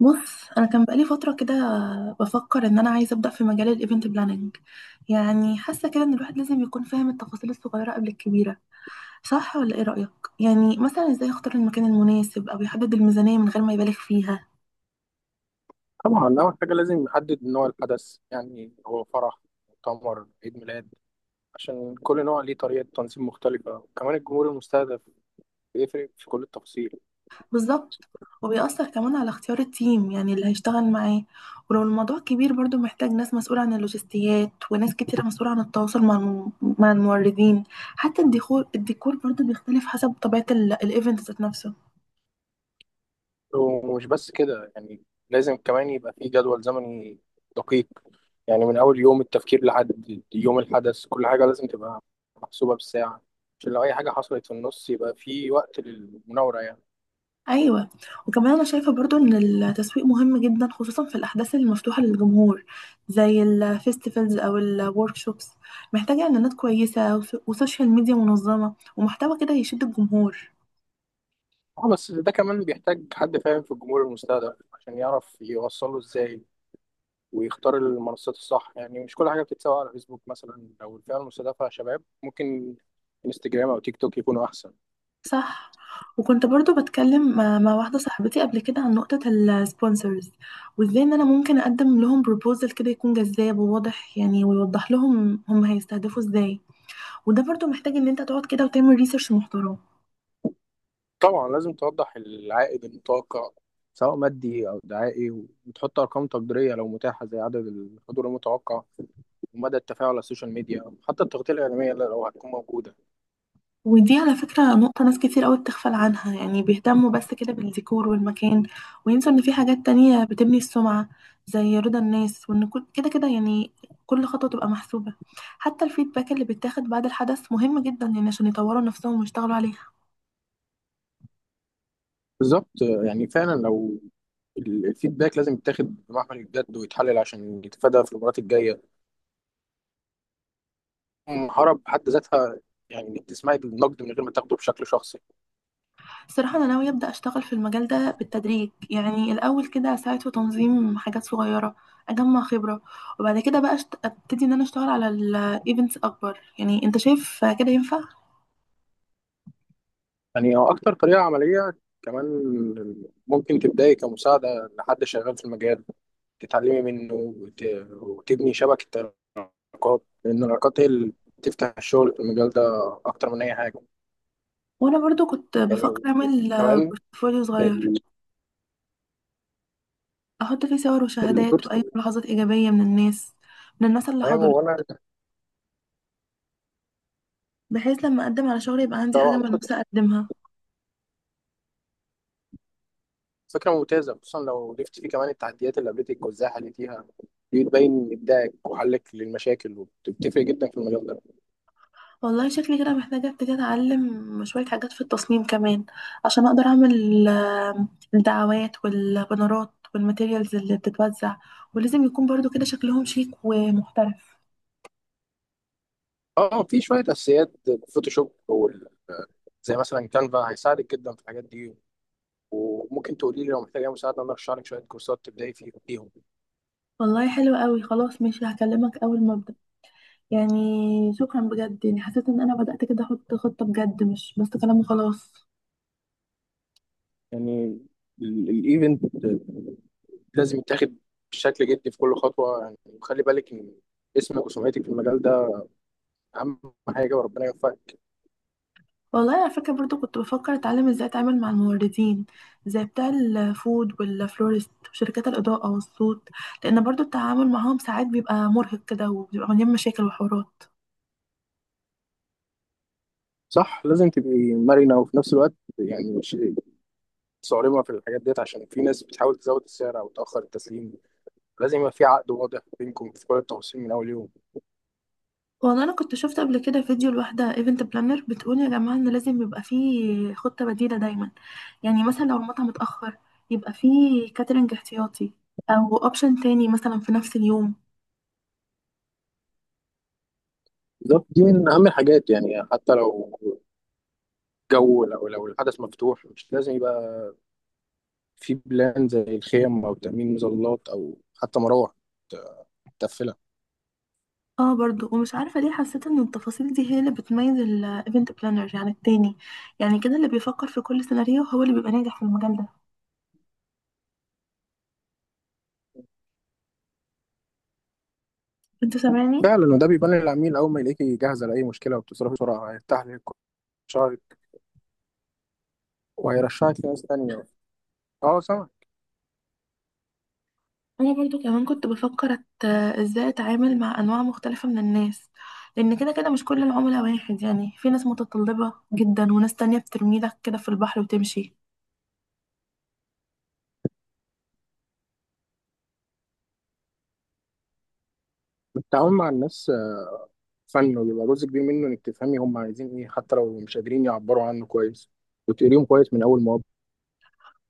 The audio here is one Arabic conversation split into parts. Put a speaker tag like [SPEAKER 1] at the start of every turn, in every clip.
[SPEAKER 1] بص، انا كان بقالي فتره كده بفكر ان انا عايزه ابدا في مجال الايفنت بلاننج. يعني حاسه كده ان الواحد لازم يكون فاهم التفاصيل الصغيره قبل الكبيره. صح ولا ايه رايك؟ يعني مثلا ازاي يختار المكان المناسب او يحدد الميزانيه من غير ما يبالغ فيها.
[SPEAKER 2] طبعا أول حاجة لازم نحدد نوع الحدث، يعني هو فرح، مؤتمر، عيد ميلاد، عشان كل نوع ليه طريقة تنظيم مختلفة، وكمان الجمهور المستهدف بيفرق في كل التفاصيل.
[SPEAKER 1] بالظبط، وبيأثر كمان على اختيار التيم يعني اللي هيشتغل معاه. ولو الموضوع كبير برضو محتاج ناس مسؤوله عن اللوجستيات وناس كتيره مسؤوله عن التواصل مع مع الموردين. حتى الديكور الديكور برضو بيختلف حسب طبيعه الايفنت ذات نفسه.
[SPEAKER 2] ومش بس كده، يعني لازم كمان يبقى فيه جدول زمني دقيق، يعني من أول يوم التفكير لحد يوم الحدث كل حاجة لازم تبقى محسوبة بالساعة، عشان لو أي حاجة حصلت في النص يبقى فيه وقت للمناورة يعني.
[SPEAKER 1] ايوه، وكمان انا شايفه برضو ان التسويق مهم جدا خصوصا في الاحداث المفتوحه للجمهور، زي الفيستيفالز او الوركشوبس. محتاجه اعلانات كويسه وسوشيال ميديا منظمه ومحتوى كده يشد الجمهور.
[SPEAKER 2] اه، بس ده كمان بيحتاج حد فاهم في الجمهور المستهدف عشان يعرف يوصله ازاي، ويختار المنصات الصح، يعني مش كل حاجة بتتسوق على فيسبوك مثلا، أو الفئة المستهدفة شباب ممكن انستجرام أو تيك توك يكونوا أحسن.
[SPEAKER 1] صح. وكنت برضو بتكلم مع واحده صاحبتي قبل كده عن نقطه السبونسرز، وازاي ان انا ممكن اقدم لهم بروبوزل كده يكون جذاب وواضح يعني، ويوضح لهم هم هيستهدفوا ازاي. وده برضو محتاج ان انت تقعد كده وتعمل ريسيرش محترم.
[SPEAKER 2] طبعا لازم توضح العائد المتوقع، سواء مادي أو دعائي، وتحط أرقام تقديرية لو متاحة، زي عدد الحضور المتوقع ومدى التفاعل على السوشيال ميديا، أو حتى التغطية الإعلامية لو هتكون موجودة.
[SPEAKER 1] ودي على فكرة نقطة ناس كتير قوي بتغفل عنها، يعني بيهتموا بس كده بالديكور والمكان، وينسوا ان في حاجات تانية بتبني السمعة، زي رضا الناس. وان كده كده يعني، كل خطوة تبقى محسوبة. حتى الفيدباك اللي بيتاخد بعد الحدث مهم جدا يعني، عشان يطوروا نفسهم ويشتغلوا عليها.
[SPEAKER 2] بالظبط، يعني فعلا لو الفيدباك لازم يتاخد بمحمل الجد ويتحلل عشان يتفادى في المرات الجايه. المهاره بحد ذاتها، يعني انك تسمعي النقد من غير ما تاخده بشكل شخصي.
[SPEAKER 1] الصراحة أنا ناوية أبدأ أشتغل في المجال ده بالتدريج، يعني الأول كده أساعد في تنظيم حاجات صغيرة، أجمع خبرة، وبعد كده بقى أبتدي إن أنا أشتغل على الإيفنتس أكبر. يعني أنت شايف كده ينفع؟
[SPEAKER 2] يعني هو أكتر طريقة عملية، كمان ممكن تبدأي كمساعدة لحد شغال في المجال، تتعلمي منه وتبني شبكة علاقات، لأن العلاقات هي اللي بتفتح الشغل في المجال ده أكتر من أي حاجة.
[SPEAKER 1] وانا برضو كنت
[SPEAKER 2] يعني
[SPEAKER 1] بفكر اعمل
[SPEAKER 2] كمان
[SPEAKER 1] بورتفوليو صغير،
[SPEAKER 2] ال-
[SPEAKER 1] احط فيه صور وشهادات واي
[SPEAKER 2] البروتوكول.
[SPEAKER 1] ملاحظات ايجابيه من الناس، من الناس اللي
[SPEAKER 2] تمام
[SPEAKER 1] حضرت،
[SPEAKER 2] وأنا،
[SPEAKER 1] بحيث لما اقدم على شغل يبقى عندي حاجه
[SPEAKER 2] طبعا
[SPEAKER 1] ملموسه اقدمها.
[SPEAKER 2] فكرة ممتازة، خصوصا لو ضفت فيه كمان التحديات اللي قابلتك وإزاي حليتيها، دي بتبين إبداعك وحلك للمشاكل وبتفرق جدا في المجال ده.
[SPEAKER 1] والله شكلي كده محتاجه ابتدي اتعلم شويه حاجات في التصميم كمان، عشان اقدر اعمل الدعوات والبنرات والماتيريالز اللي بتتوزع. ولازم يكون برضو كده شكلهم شيك ومحترف.
[SPEAKER 2] اه، في شويه اساسيات الفوتوشوب زي مثلا كانفا هيساعدك جدا في الحاجات دي، وممكن تقولي لي لو محتاجه مساعده انا ارشح لك شويه كورسات تبداي فيهم.
[SPEAKER 1] والله حلو قوي، خلاص ماشي، هكلمك اول ما ابدا. يعني شكرا بجد، يعني حسيت ان انا بدأت كده احط خطة بجد، مش بس كلام وخلاص.
[SPEAKER 2] يعني الايفنت لازم يتاخد بشكل جدي في كل خطوه، يعني وخلي بالك ان اسمك وسمعتك في المجال ده اهم حاجه، وربنا يوفقك.
[SPEAKER 1] والله على فكرة برضو كنت بفكر اتعلم ازاي اتعامل مع الموردين، زي بتاع الفود والفلورست وشركات الاضاءة والصوت، لان برضو التعامل معاهم ساعات بيبقى مرهق كده، وبيبقى مليان مشاكل وحوارات.
[SPEAKER 2] صح، لازم تبقي مرنه وفي نفس الوقت يعني مش صارمه في الحاجات ديت، عشان في ناس بتحاول تزود السعر او تاخر التسليم. لازم يبقى في عقد واضح بينكم في كل التفاصيل من اول يوم.
[SPEAKER 1] والله انا كنت شفت قبل كده فيديو لواحدة ايفنت بلانر بتقول يا جماعة ان لازم يبقى فيه خطة بديلة دايما. يعني مثلا لو المطعم اتأخر، يبقى فيه كاترينج احتياطي، او اوبشن تاني مثلا في نفس اليوم.
[SPEAKER 2] بالظبط، دي من اهم الحاجات، يعني حتى لو جو، لو الحدث مفتوح مش لازم يبقى في بلان، زي الخيم او تامين مظلات او حتى مراوح تقفلها.
[SPEAKER 1] اه برضو، ومش عارفة ليه حسيت ان التفاصيل دي هي اللي بتميز الايفنت بلانر عن التاني. يعني كده، اللي بيفكر في كل سيناريو هو اللي بيبقى ناجح في المجال ده. انت سامعني؟
[SPEAKER 2] فعلا، وده بيبان للعميل، اول ما يلاقيكي جاهزه لاي مشكله وبتصرفي بسرعه هيرتاح لك شعرك وهيرشحك لناس تانية. اه سامع.
[SPEAKER 1] انا برضو كمان كنت بفكر ازاي اتعامل مع انواع مختلفة من الناس، لان كده كده مش كل العملاء واحد، يعني في ناس متطلبة جدا وناس تانية بترميلك كده في البحر وتمشي.
[SPEAKER 2] التعامل مع الناس فن، وبيبقى جزء كبير منه انك تفهمي هم عايزين ايه حتى لو مش قادرين يعبروا عنه كويس، وتقريهم كويس من اول مواقف.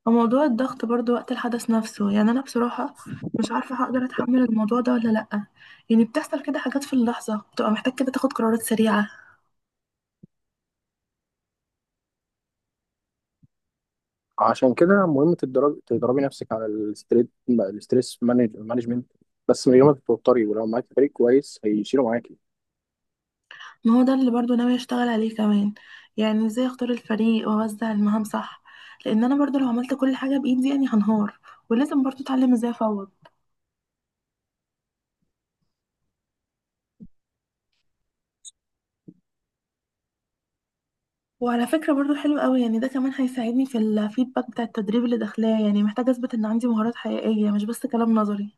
[SPEAKER 1] وموضوع الضغط برضو وقت الحدث نفسه، يعني انا بصراحة مش عارفة هقدر اتحمل الموضوع ده ولا لأ. يعني بتحصل كده حاجات في اللحظة بتبقى محتاج كده تاخد قرارات سريعة.
[SPEAKER 2] عشان كده مهم تدربي نفسك على الستريت، مانجمنت، بس من غير ما تتوتري، ولو معاك فريق كويس هيشيلوا معاكي.
[SPEAKER 1] ما هو ده اللي برضو ناوي اشتغل عليه كمان. يعني ازاي اختار الفريق واوزع المهام صح، لان انا برضو لو عملت كل حاجة بايدي يعني هنهار. ولازم برضو اتعلم ازاي افوض. وعلى فكرة برضو حلو قوي، يعني ده كمان هيساعدني في الفيدباك بتاع التدريب اللي داخلاه. يعني محتاجة اثبت ان عندي مهارات حقيقية، مش بس كلام نظري.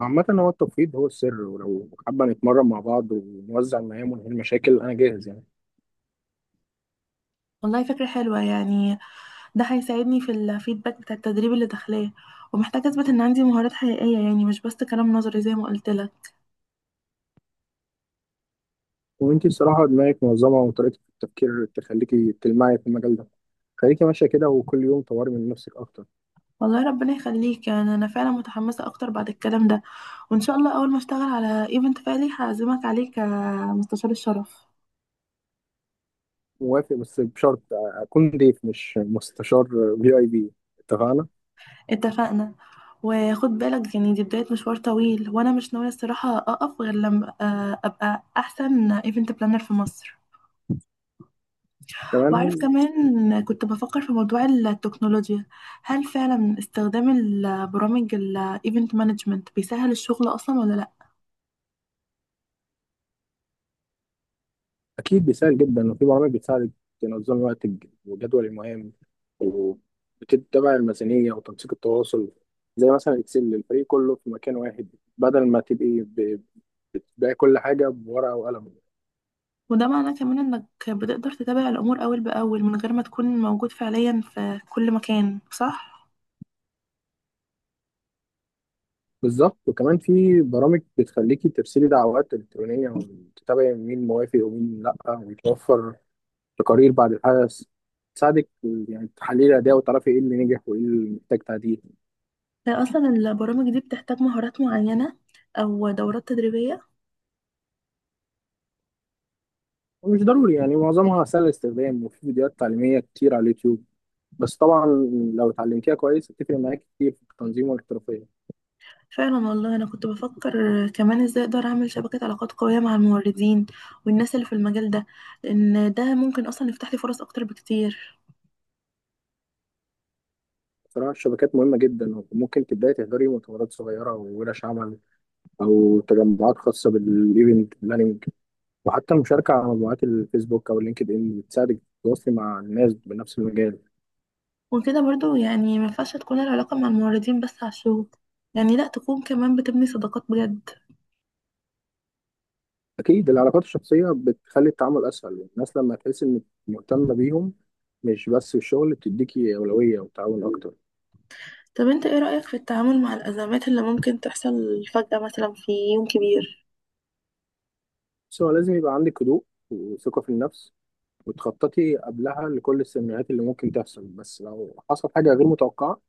[SPEAKER 2] عامة هو التفويض هو السر، ولو حابة نتمرن مع بعض ونوزع المهام ونحل مشاكل أنا جاهز يعني.
[SPEAKER 1] والله فكرة حلوة يعني. ده هيساعدني في الفيدباك بتاع التدريب اللي داخلاه، ومحتاجة اثبت ان عندي مهارات حقيقية، يعني مش بس كلام نظري زي ما قلت لك.
[SPEAKER 2] وأنتي الصراحة دماغك منظمة وطريقة التفكير تخليكي تلمعي في المجال ده، خليكي ماشية كده وكل يوم طوري من نفسك أكتر.
[SPEAKER 1] والله ربنا يخليك، يعني انا فعلا متحمسه اكتر بعد الكلام ده. وان شاء الله اول ما اشتغل على ايفنت فعلي هعزمك عليه كمستشار الشرف.
[SPEAKER 2] موافق، بس بشرط اكون ضيف مش مستشار في اي بي. اتفقنا.
[SPEAKER 1] اتفقنا. وخد بالك يعني، دي بدايه مشوار طويل، وانا مش ناويه الصراحه اقف غير لما ابقى احسن ايفنت بلانر في مصر. وعارف،
[SPEAKER 2] كمان.
[SPEAKER 1] كمان كنت بفكر في موضوع التكنولوجيا. هل فعلا استخدام البرامج الايفنت مانجمنت بيسهل الشغل اصلا ولا لا؟
[SPEAKER 2] اكيد بيساعد جدا، وفي برامج بتساعدك تنظم وقتك وجدول المهام، وبتتبع الميزانيه وتنسيق التواصل، زي مثلا اكسل، الفريق كله في مكان واحد، بدل ما بتبيعي كل حاجه بورقه وقلم.
[SPEAKER 1] وده معناه كمان انك بتقدر تتابع الامور اول باول من غير ما تكون موجود فعليا في كل مكان، صح؟
[SPEAKER 2] بالظبط، وكمان في برامج بتخليكي ترسلي دعوات الكترونيه وتتابعي مين موافق ومين لا، ويتوفر تقارير بعد الحدث تساعدك، يعني تحليل الأداء وتعرفي إيه اللي نجح وإيه اللي محتاج تعديل.
[SPEAKER 1] اصلا البرامج دي بتحتاج مهارات معينة او دورات تدريبية؟
[SPEAKER 2] ومش ضروري يعني، معظمها سهل الاستخدام وفي فيديوهات تعليمية كتير على اليوتيوب، بس طبعا لو اتعلمتيها كويس هتفرق معاك كتير في التنظيم والاحترافية.
[SPEAKER 1] فعلا، والله انا كنت بفكر كمان ازاي اقدر اعمل شبكة علاقات قوية مع الموردين والناس اللي في المجال ده، لان ده ممكن اصلا يفتح لي فرص اكتر بكتير.
[SPEAKER 2] بصراحة الشبكات مهمة جدا، وممكن تبدأي تحضري مؤتمرات صغيرة وورش عمل، أو تجمعات خاصة بالإيفنت بلاننج، وحتى المشاركة على مجموعات الفيسبوك أو اللينكد إن بتساعدك تتواصلي مع الناس بنفس المجال.
[SPEAKER 1] وكده برضو يعني ما ينفعش تكون العلاقة مع الموردين بس على الشغل، يعني لا، تكون كمان بتبني صداقات بجد.
[SPEAKER 2] أكيد العلاقات الشخصية بتخلي التعامل أسهل، الناس لما تحس إنك مهتمة بيهم مش بس في الشغل بتديكي أولوية وتعاون أكتر.
[SPEAKER 1] طب انت ايه رأيك في التعامل مع الأزمات اللي ممكن تحصل فجأة مثلا في يوم كبير؟
[SPEAKER 2] بس هو لازم يبقى عندك هدوء وثقة في النفس، وتخططي قبلها لكل السيناريوهات اللي ممكن تحصل، بس لو حصل حاجة غير متوقعة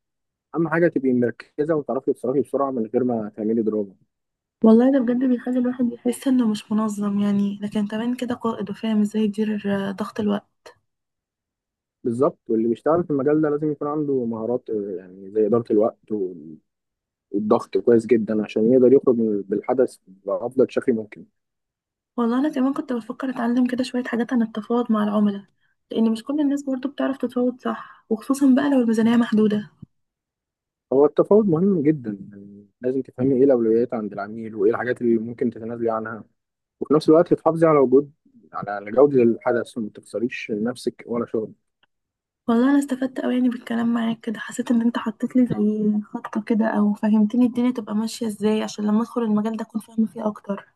[SPEAKER 2] أهم حاجة تبقي مركزة وتعرفي تتصرفي بسرعة من غير ما تعملي دراما.
[SPEAKER 1] والله ده بجد بيخلي الواحد يحس انه مش منظم يعني، لكن كمان كده قائد وفاهم ازاي يدير ضغط الوقت.
[SPEAKER 2] بالظبط، واللي بيشتغل في المجال ده لازم يكون عنده مهارات يعني زي إدارة الوقت والضغط كويس جدا عشان يقدر يخرج بالحدث بأفضل شكل ممكن.
[SPEAKER 1] والله انا كمان كنت بفكر اتعلم كده شوية حاجات عن التفاوض مع العملاء، لان مش كل الناس برضو بتعرف تتفاوض صح، وخصوصا بقى لو الميزانية محدودة.
[SPEAKER 2] هو التفاوض مهم جدا، يعني لازم تفهمي ايه الاولويات عند العميل وايه الحاجات اللي ممكن تتنازلي عنها، وفي نفس الوقت تحافظي على وجود، على جودة الحدث وما تخسريش نفسك ولا شغلك.
[SPEAKER 1] والله انا استفدت قوي يعني، بالكلام معاك كده حسيت ان انت حطيت لي زي خطة كده، او فهمتني الدنيا تبقى ماشية ازاي، عشان لما ادخل المجال ده اكون فاهمة فيه اكتر.